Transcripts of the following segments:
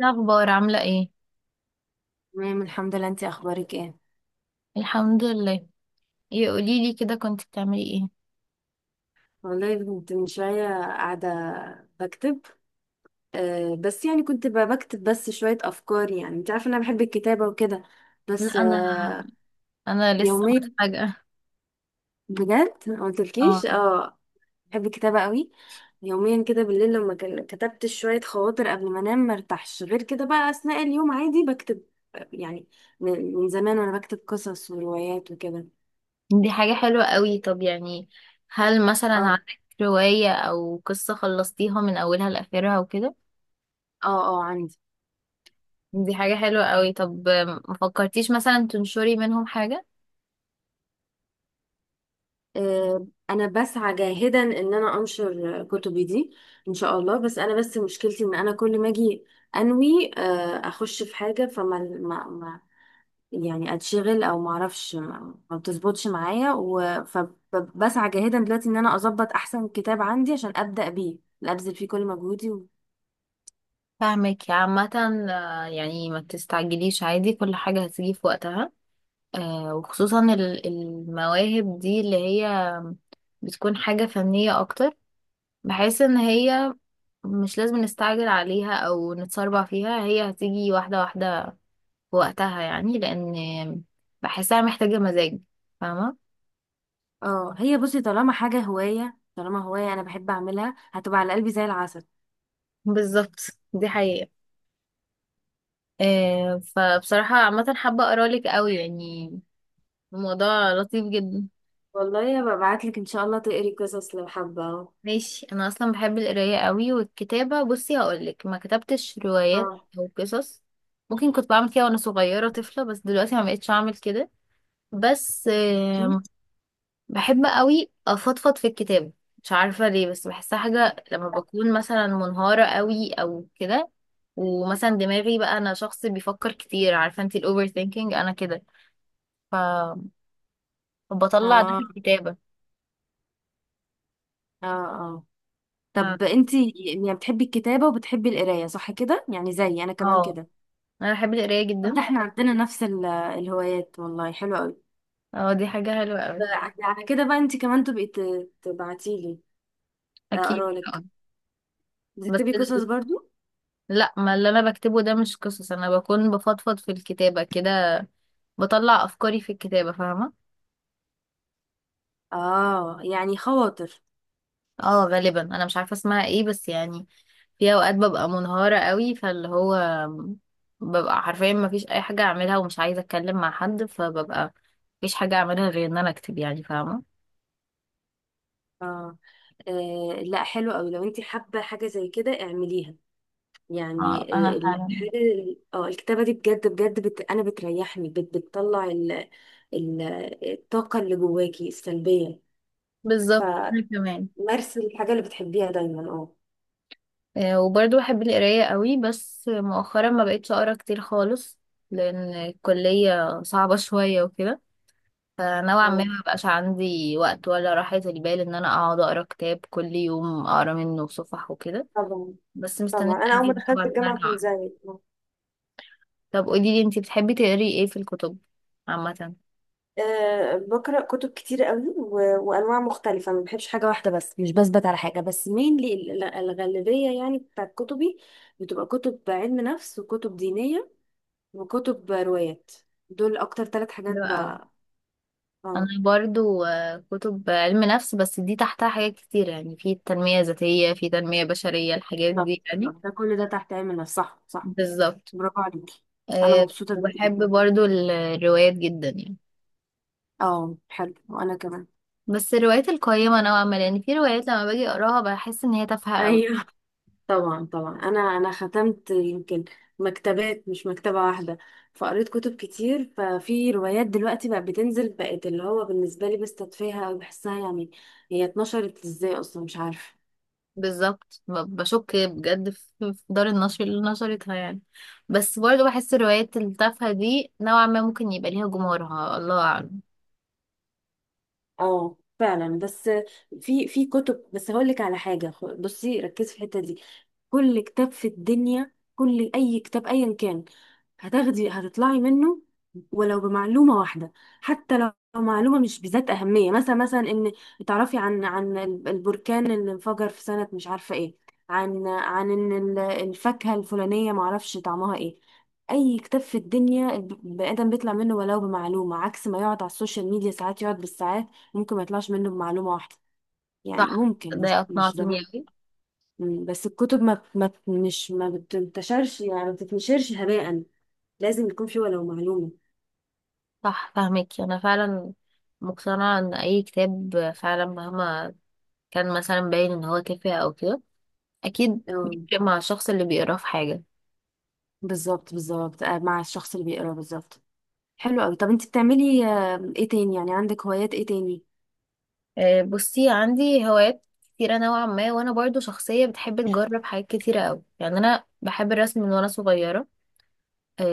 إيه الاخبار؟ عامله ايه؟ تمام، الحمد لله. انتي اخبارك ايه؟ الحمد لله. ايه قولي لي كده، كنت بتعملي ايه؟ والله كنت من شويه قاعده بكتب. بس يعني كنت بكتب بس شويه افكار، يعني انت عارفه ان انا بحب الكتابه وكده. لا بس انا أه انا لسه يوميا، متفاجئه. بجد ما اه، قلتلكيش؟ اه. بحب الكتابه قوي. يوميا كده بالليل لما كتبت شويه خواطر قبل ما انام، ما ارتاحش. غير كده بقى اثناء اليوم عادي بكتب. يعني من زمان وانا بكتب قصص وروايات وكده. دي حاجه حلوه قوي. طب يعني، هل مثلا اه، عندك روايه او قصه خلصتيها من اولها لاخرها وكده؟ اه، اه، عندي. دي حاجه حلوه قوي. طب ما فكرتيش مثلا تنشري منهم حاجه؟ انا بسعى جاهدا ان انا انشر كتبي دي. ان شاء الله. بس انا، بس مشكلتي ان انا كل ما اجي انوي، اخش في حاجه، فما ما ما يعني اتشغل، او ما اعرفش، ما بتظبطش معايا. فبسعى جاهدا دلوقتي ان انا اظبط احسن كتاب عندي عشان ابدا بيه، لا ابذل فيه كل مجهودي. فاهمك عامه. يعني ما تستعجليش، عادي، كل حاجه هتيجي في وقتها. وخصوصا المواهب دي اللي هي بتكون حاجة فنية أكتر. بحس ان هي مش لازم نستعجل عليها او نتسربع فيها، هي هتيجي واحدة واحدة في وقتها يعني، لان بحسها محتاجة مزاج، فاهمة؟ اه، هي بصي، طالما حاجه هوايه، طالما هوايه انا بحب اعملها، هتبقى على قلبي زي العسل. بالظبط، دي حقيقة. فبصراحة عامة حابة اقرالك قوي يعني، الموضوع لطيف جدا. والله هبقى ابعت لك ان شاء الله تقري قصص لو حابه اهو. ماشي، انا اصلا بحب القراية قوي والكتابة. بصي هقولك، ما كتبتش روايات اه. او قصص. ممكن كنت بعمل كده وانا صغيرة طفلة، بس دلوقتي ما بقتش اعمل كده. بس ماشي؟ بحب قوي افضفض في الكتاب، مش عارفة ليه، بس بحسها حاجة لما بكون مثلا منهارة قوي او كده. ومثلا دماغي بقى، انا شخص بيفكر كتير، عارفة انت الاوفر ثينكينج، انا كده. ف- فبطلع ده في اه، الكتابة. اه، اه. ف... طب انتي يعني بتحبي الكتابة وبتحبي القراية، صح كده؟ يعني زي انا كمان اه، كده. انا بحب القراية طب جدا. ده احنا عندنا نفس الهوايات، والله حلو قوي. اه، دي حاجة حلوة قوي. على كده بقى انتي كمان تبقي تبعتيلي اكيد اقرالك. طبعاً. بس بتكتبي قصص ال... برضو؟ لا، ما اللي انا بكتبه ده مش قصص، انا بكون بفضفض في الكتابة كده، بطلع افكاري في الكتابة، فاهمة؟ اه، يعني خواطر. اه غالبا انا مش عارفة اسمها ايه، بس يعني في اوقات ببقى منهارة قوي، فاللي هو ببقى حرفيا ما فيش اي حاجة اعملها ومش عايزة اتكلم مع حد، فببقى مفيش حاجة اعملها غير ان انا اكتب يعني، فاهمة؟ اه. لا حلو قوي، لو انتي حابة حاجة زي كده اعمليها يعني. اه آه، انا فعلا. الحاجة اه الكتابة دي بجد بجد انا بتريحني، بتطلع ال... الطاقة اللي جواكي السلبية. بالظبط، انا فمارسي كمان. الحاجة اللي بتحبيها دايما. اه. وبرضه بحب القراية قوي، بس مؤخرا ما بقيتش اقرا كتير خالص، لان الكلية صعبة شوية وكده. فنوعا ما مم. ما بقاش عندي وقت ولا راحة البال ان انا اقعد اقرا كتاب كل يوم اقرا منه صفح وكده. طبعا. بس مستنية طبعا انا اول ما اجيب طبعا دخلت إن أنا الجامعه كنت ارجع. زيك. أه. طب قولي لي انتي بتحبي تقري ايه في الكتب عامة؟ أه بقرا كتب كتير قوي، وانواع مختلفه. ما بحبش حاجه واحده بس، مش بثبت على حاجه بس مينلي. الغالبيه يعني بتاعت كتبي بتبقى كتب علم نفس، وكتب دينيه، وكتب روايات. دول اكتر ثلاث حاجات حلو قوي. بقى. انا اه. برضو كتب علم نفس، بس دي تحتها حاجات كتير يعني، في تنمية ذاتية، في تنمية بشرية، الحاجات بالظبط، دي يعني. بالظبط. ده كل ده تحت علم النفس، صح، صح. بالظبط. برافو عليكي. انا أه، مبسوطه جدا. وبحب برضو الروايات جدا يعني، اه حلو، وانا كمان. بس الروايات القيمة نوعا ما، لان في روايات لما باجي اقراها بحس ان هي تافهة قوي. ايوه، طبعا، طبعا. انا ختمت يمكن مكتبات، مش مكتبه واحده. فقريت كتب كتير. ففي روايات دلوقتي بقت بتنزل، بقت اللي هو بالنسبه لي بستدفيها او بحسها، يعني هي اتنشرت ازاي اصلا؟ مش عارفه. بالظبط، بشك بجد في دار النشر اللي نشرتها يعني. بس برضو بحس الروايات التافهة دي نوعا ما ممكن يبقى ليها جمهورها، الله أعلم. اه فعلا. بس في كتب، بس هقول لك على حاجه، بصي ركزي في الحته دي. كل كتاب في الدنيا، كل اي كتاب ايا كان، هتاخدي، هتطلعي منه ولو بمعلومة واحدة، حتى لو معلومة مش بذات أهمية. مثلا، مثلا، إن تعرفي عن البركان اللي انفجر في سنة مش عارفة إيه، عن إن ال- الفاكهة الفلانية معرفش طعمها إيه. أي كتاب في الدنيا البني آدم بيطلع منه ولو بمعلومة، عكس ما يقعد على السوشيال ميديا ساعات، يقعد بالساعات ممكن ما يطلعش منه بمعلومة واحدة. يعني ممكن، ده مش مش أقنعتيني ضروري. أوي. مم. بس الكتب ما بت- ما بت- مش ما بتنتشرش، يعني ما بتتنشرش هباء. لازم يكون في ولو معلومة. صح، فاهمك، أنا فعلا مقتنعة إن أي كتاب فعلا مهما كان مثلا باين إن هو تافه أو كده، أكيد اه، بيفرق مع الشخص اللي بيقراه في حاجة. بالظبط، بالظبط. مع الشخص اللي بيقرا بالظبط. حلو قوي. طب انت بتعملي ايه تاني؟ يعني عندك هوايات ايه تاني؟ بصي عندي هوايات كتيرة نوعا ما، وأنا برضو شخصية بتحب تجرب حاجات كتيرة أوي. يعني أنا بحب الرسم من وأنا صغيرة.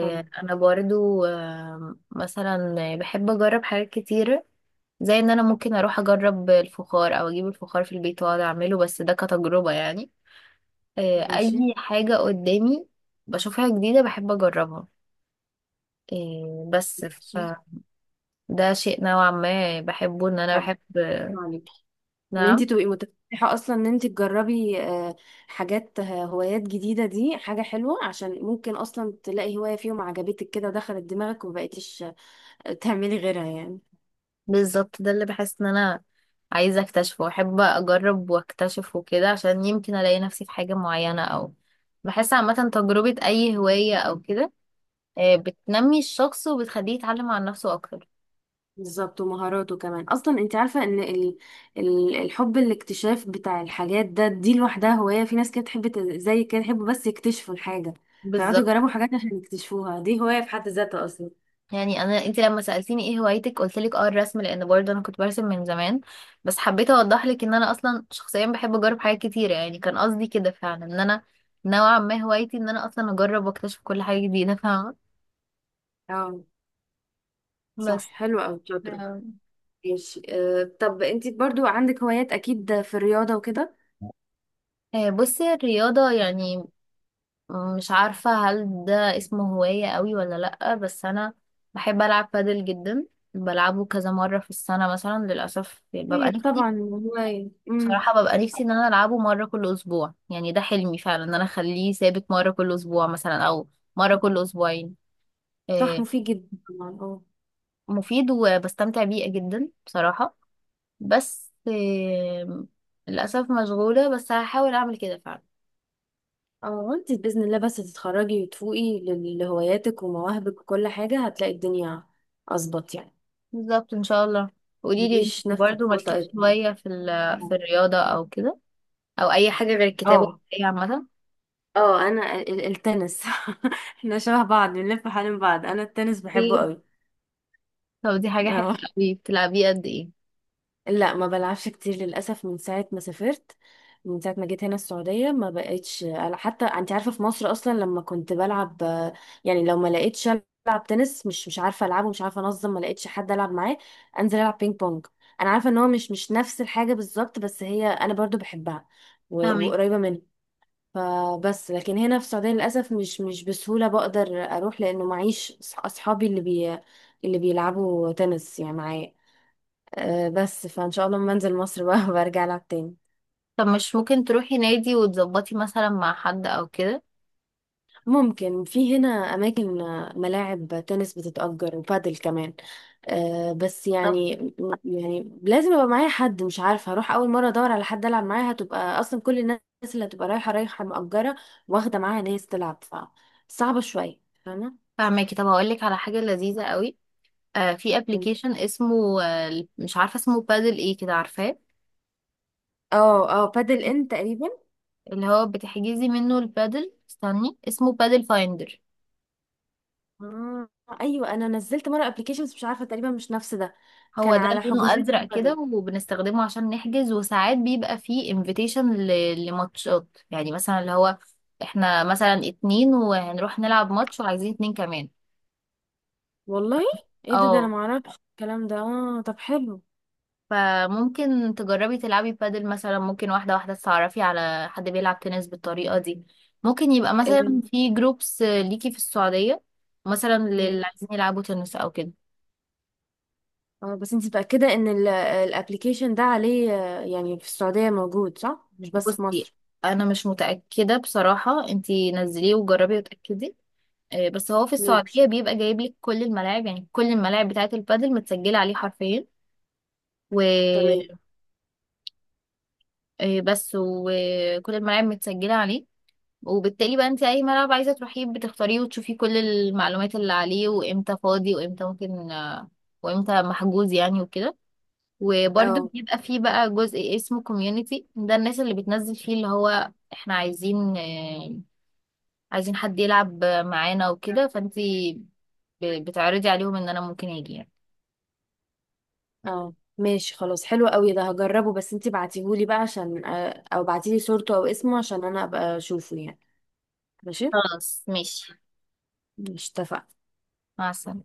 حلو. أنا برضو مثلا بحب أجرب حاجات كتيرة، زي إن أنا ممكن أروح أجرب الفخار أو أجيب الفخار في البيت وأقعد أعمله، بس ده كتجربة يعني. ماشي. اي حاجة قدامي بشوفها جديدة بحب اجربها. آه، بس ماشي. فده شيء نوعا ما بحبه، ان انا طب بحب. عليك ان انت نعم. تبقي متفتحة اصلا، ان انت تجربي حاجات، هوايات جديدة. دي حاجة حلوة، عشان ممكن اصلا تلاقي هواية فيهم عجبتك كده ودخلت دماغك ومبقيتيش تعملي غيرها يعني. بالظبط، ده اللي بحس ان انا عايزة اكتشفه، واحب اجرب واكتشف وكده، عشان يمكن الاقي نفسي في حاجة معينة. او بحس عامة تجربة اي هواية او كده بتنمي الشخص وبتخليه يتعلم عن نفسه اكتر. بالظبط. ومهاراته كمان اصلا. انت عارفه ان الحب، الاكتشاف بتاع الحاجات ده، دي لوحدها هوايه. في ناس كده تحب زي كده يحبوا بس يكتشفوا الحاجه، فيقعدوا بالظبط. يجربوا حاجات عشان يكتشفوها. دي هوايه في حد ذاتها اصلا. يعني انا، انت لما سالتيني ايه هوايتك قلت لك اه الرسم، لان برضه انا كنت برسم من زمان، بس حبيت اوضح لك ان انا اصلا شخصيا بحب اجرب حاجات كتيره. يعني كان قصدي كده فعلا، ان انا نوعا ما هوايتي ان انا اصلا اجرب واكتشف كل حاجه جديده، فاهمه؟ اه، صح. بس. حلو قوي، شاطره. آم، ماشي. أه. طب انت برضو عندك هوايات اكيد في الرياضه وكده. آه، بصي الرياضه يعني، مش عارفه هل ده اسمه هوايه قوي ولا لا، بس انا بحب العب بادل جدا. بلعبه كذا مره في السنه مثلا، للاسف. ببقى طيب، نفسي، طبعا هوايه. بصراحة ببقى نفسي ان انا العبه مرة كل اسبوع. يعني ده حلمي فعلا، ان انا اخليه ثابت مرة كل اسبوع مثلا، او مرة كل اسبوعين. صح، آه، مفيد جدا طبعا. اه. مفيد وبستمتع بيه جدا بصراحة. بس آه، للأسف مشغولة، بس هحاول اعمل كده فعلا. اه، انت بإذن الله بس تتخرجي وتفوقي لهواياتك ومواهبك وكل حاجة، هتلاقي الدنيا أظبط يعني. بالظبط ان شاء الله. قولي لي انت مديش نفسك برضه، فوق مالكيش طاقتك. شوية في في الرياضة او كده، او اي حاجة غير الكتابة اه، والقراية عامة؟ اه، انا التنس احنا شبه بعض، بنلف حوالين بعض، انا التنس ايه؟ بحبه قوي. طب دي حاجة حلوة اه. قوي. بتلعبيه قد ايه؟ لا، ما بلعبش كتير للأسف من ساعة ما سافرت، من ساعة ما جيت هنا السعودية ما بقتش. حتى انت عارفة في مصر أصلا لما كنت بلعب يعني، لو ما لقيتش ألعب تنس، مش مش عارفة ألعبه، مش عارفة أنظم، ما لقيتش حد ألعب معاه، أنزل ألعب بينج بونج. أنا عارفة إن هو مش مش نفس الحاجة بالظبط، بس هي أنا برضو بحبها، فاهمك. وقريبة منها. فبس لكن هنا في السعودية للأسف مش مش بسهولة بقدر أروح، لأنه معيش أصحابي اللي اللي بيلعبوا تنس يعني معايا. بس فان شاء الله لما انزل مصر بقى برجع العب تاني. طب مش ممكن تروحي نادي وتظبطي مثلا مع حد او كده؟ ممكن في هنا اماكن ملاعب تنس بتتأجر، وبادل كمان. بس طب يعني، يعني لازم يبقى معايا حد. مش عارفه، هروح اول مره ادور على حد العب معاه؟ هتبقى اصلا كل الناس اللي هتبقى رايحه، رايحه مأجره واخده معاها ناس تلعب. ف صعبه شويه، فاهمه؟ فاهماكي. طب هقول لك على حاجة لذيذة قوي. آه، في ابلكيشن اسمه آه، مش عارفة اسمه بادل ايه كده، عارفاه؟ اه، اه، بادل ان تقريبا. اللي هو بتحجزي منه البادل، استني اسمه بادل فايندر. آه، ايوه انا نزلت مره ابلكيشنز مش عارفه تقريبا مش نفس ده، هو كان ده على لونه حجوزات ازرق كده، بادل. وبنستخدمه عشان نحجز، وساعات بيبقى فيه انفيتيشن لماتشات يعني، مثلا اللي هو احنا مثلا اتنين وهنروح نلعب ماتش وعايزين اتنين كمان. والله، ايه ده؟ ده انا اه، معرفش الكلام ده. اه طب حلو. فممكن تجربي تلعبي بادل مثلا، ممكن واحدة واحدة تتعرفي على حد بيلعب تنس بالطريقة دي. ممكن يبقى مثلا ال... في جروبس ليكي في السعودية، مثلا للي ماشي. عايزين يلعبوا تنس أو كده. اه، بس انت متأكدة ان الابليكيشن ده عليه، يعني في السعودية موجود، صح؟ مش بس في بصي، مصر. أنا مش متأكدة بصراحة، انتي نزليه وجربي وتأكدي. بس هو في ماشي، السعودية بيبقى جايب لك كل الملاعب، يعني كل الملاعب بتاعة البادل متسجلة عليه حرفيا. تمام. وبس، وكل الملاعب متسجلة عليه، وبالتالي بقى انت اي ملعب عايزه تروحيه بتختاريه، وتشوفي كل المعلومات اللي عليه، وامتى فاضي، وامتى ممكن وامتى محجوز يعني وكده. وبرده اه. بيبقى فيه بقى جزء اسمه كوميونيتي، ده الناس اللي بتنزل فيه اللي هو احنا عايزين عايزين حد يلعب معانا وكده، فانت بتعرضي عليهم ان انا ممكن اجي يعني. اه ماشي، خلاص، حلو قوي. ده هجربه، بس انت بعتيهولي بقى عشان، او بعتيلي صورته او اسمه عشان انا ابقى اشوفه يعني. ماشي. خلاص ماشي. مش اتفقنا؟ مع السلامه.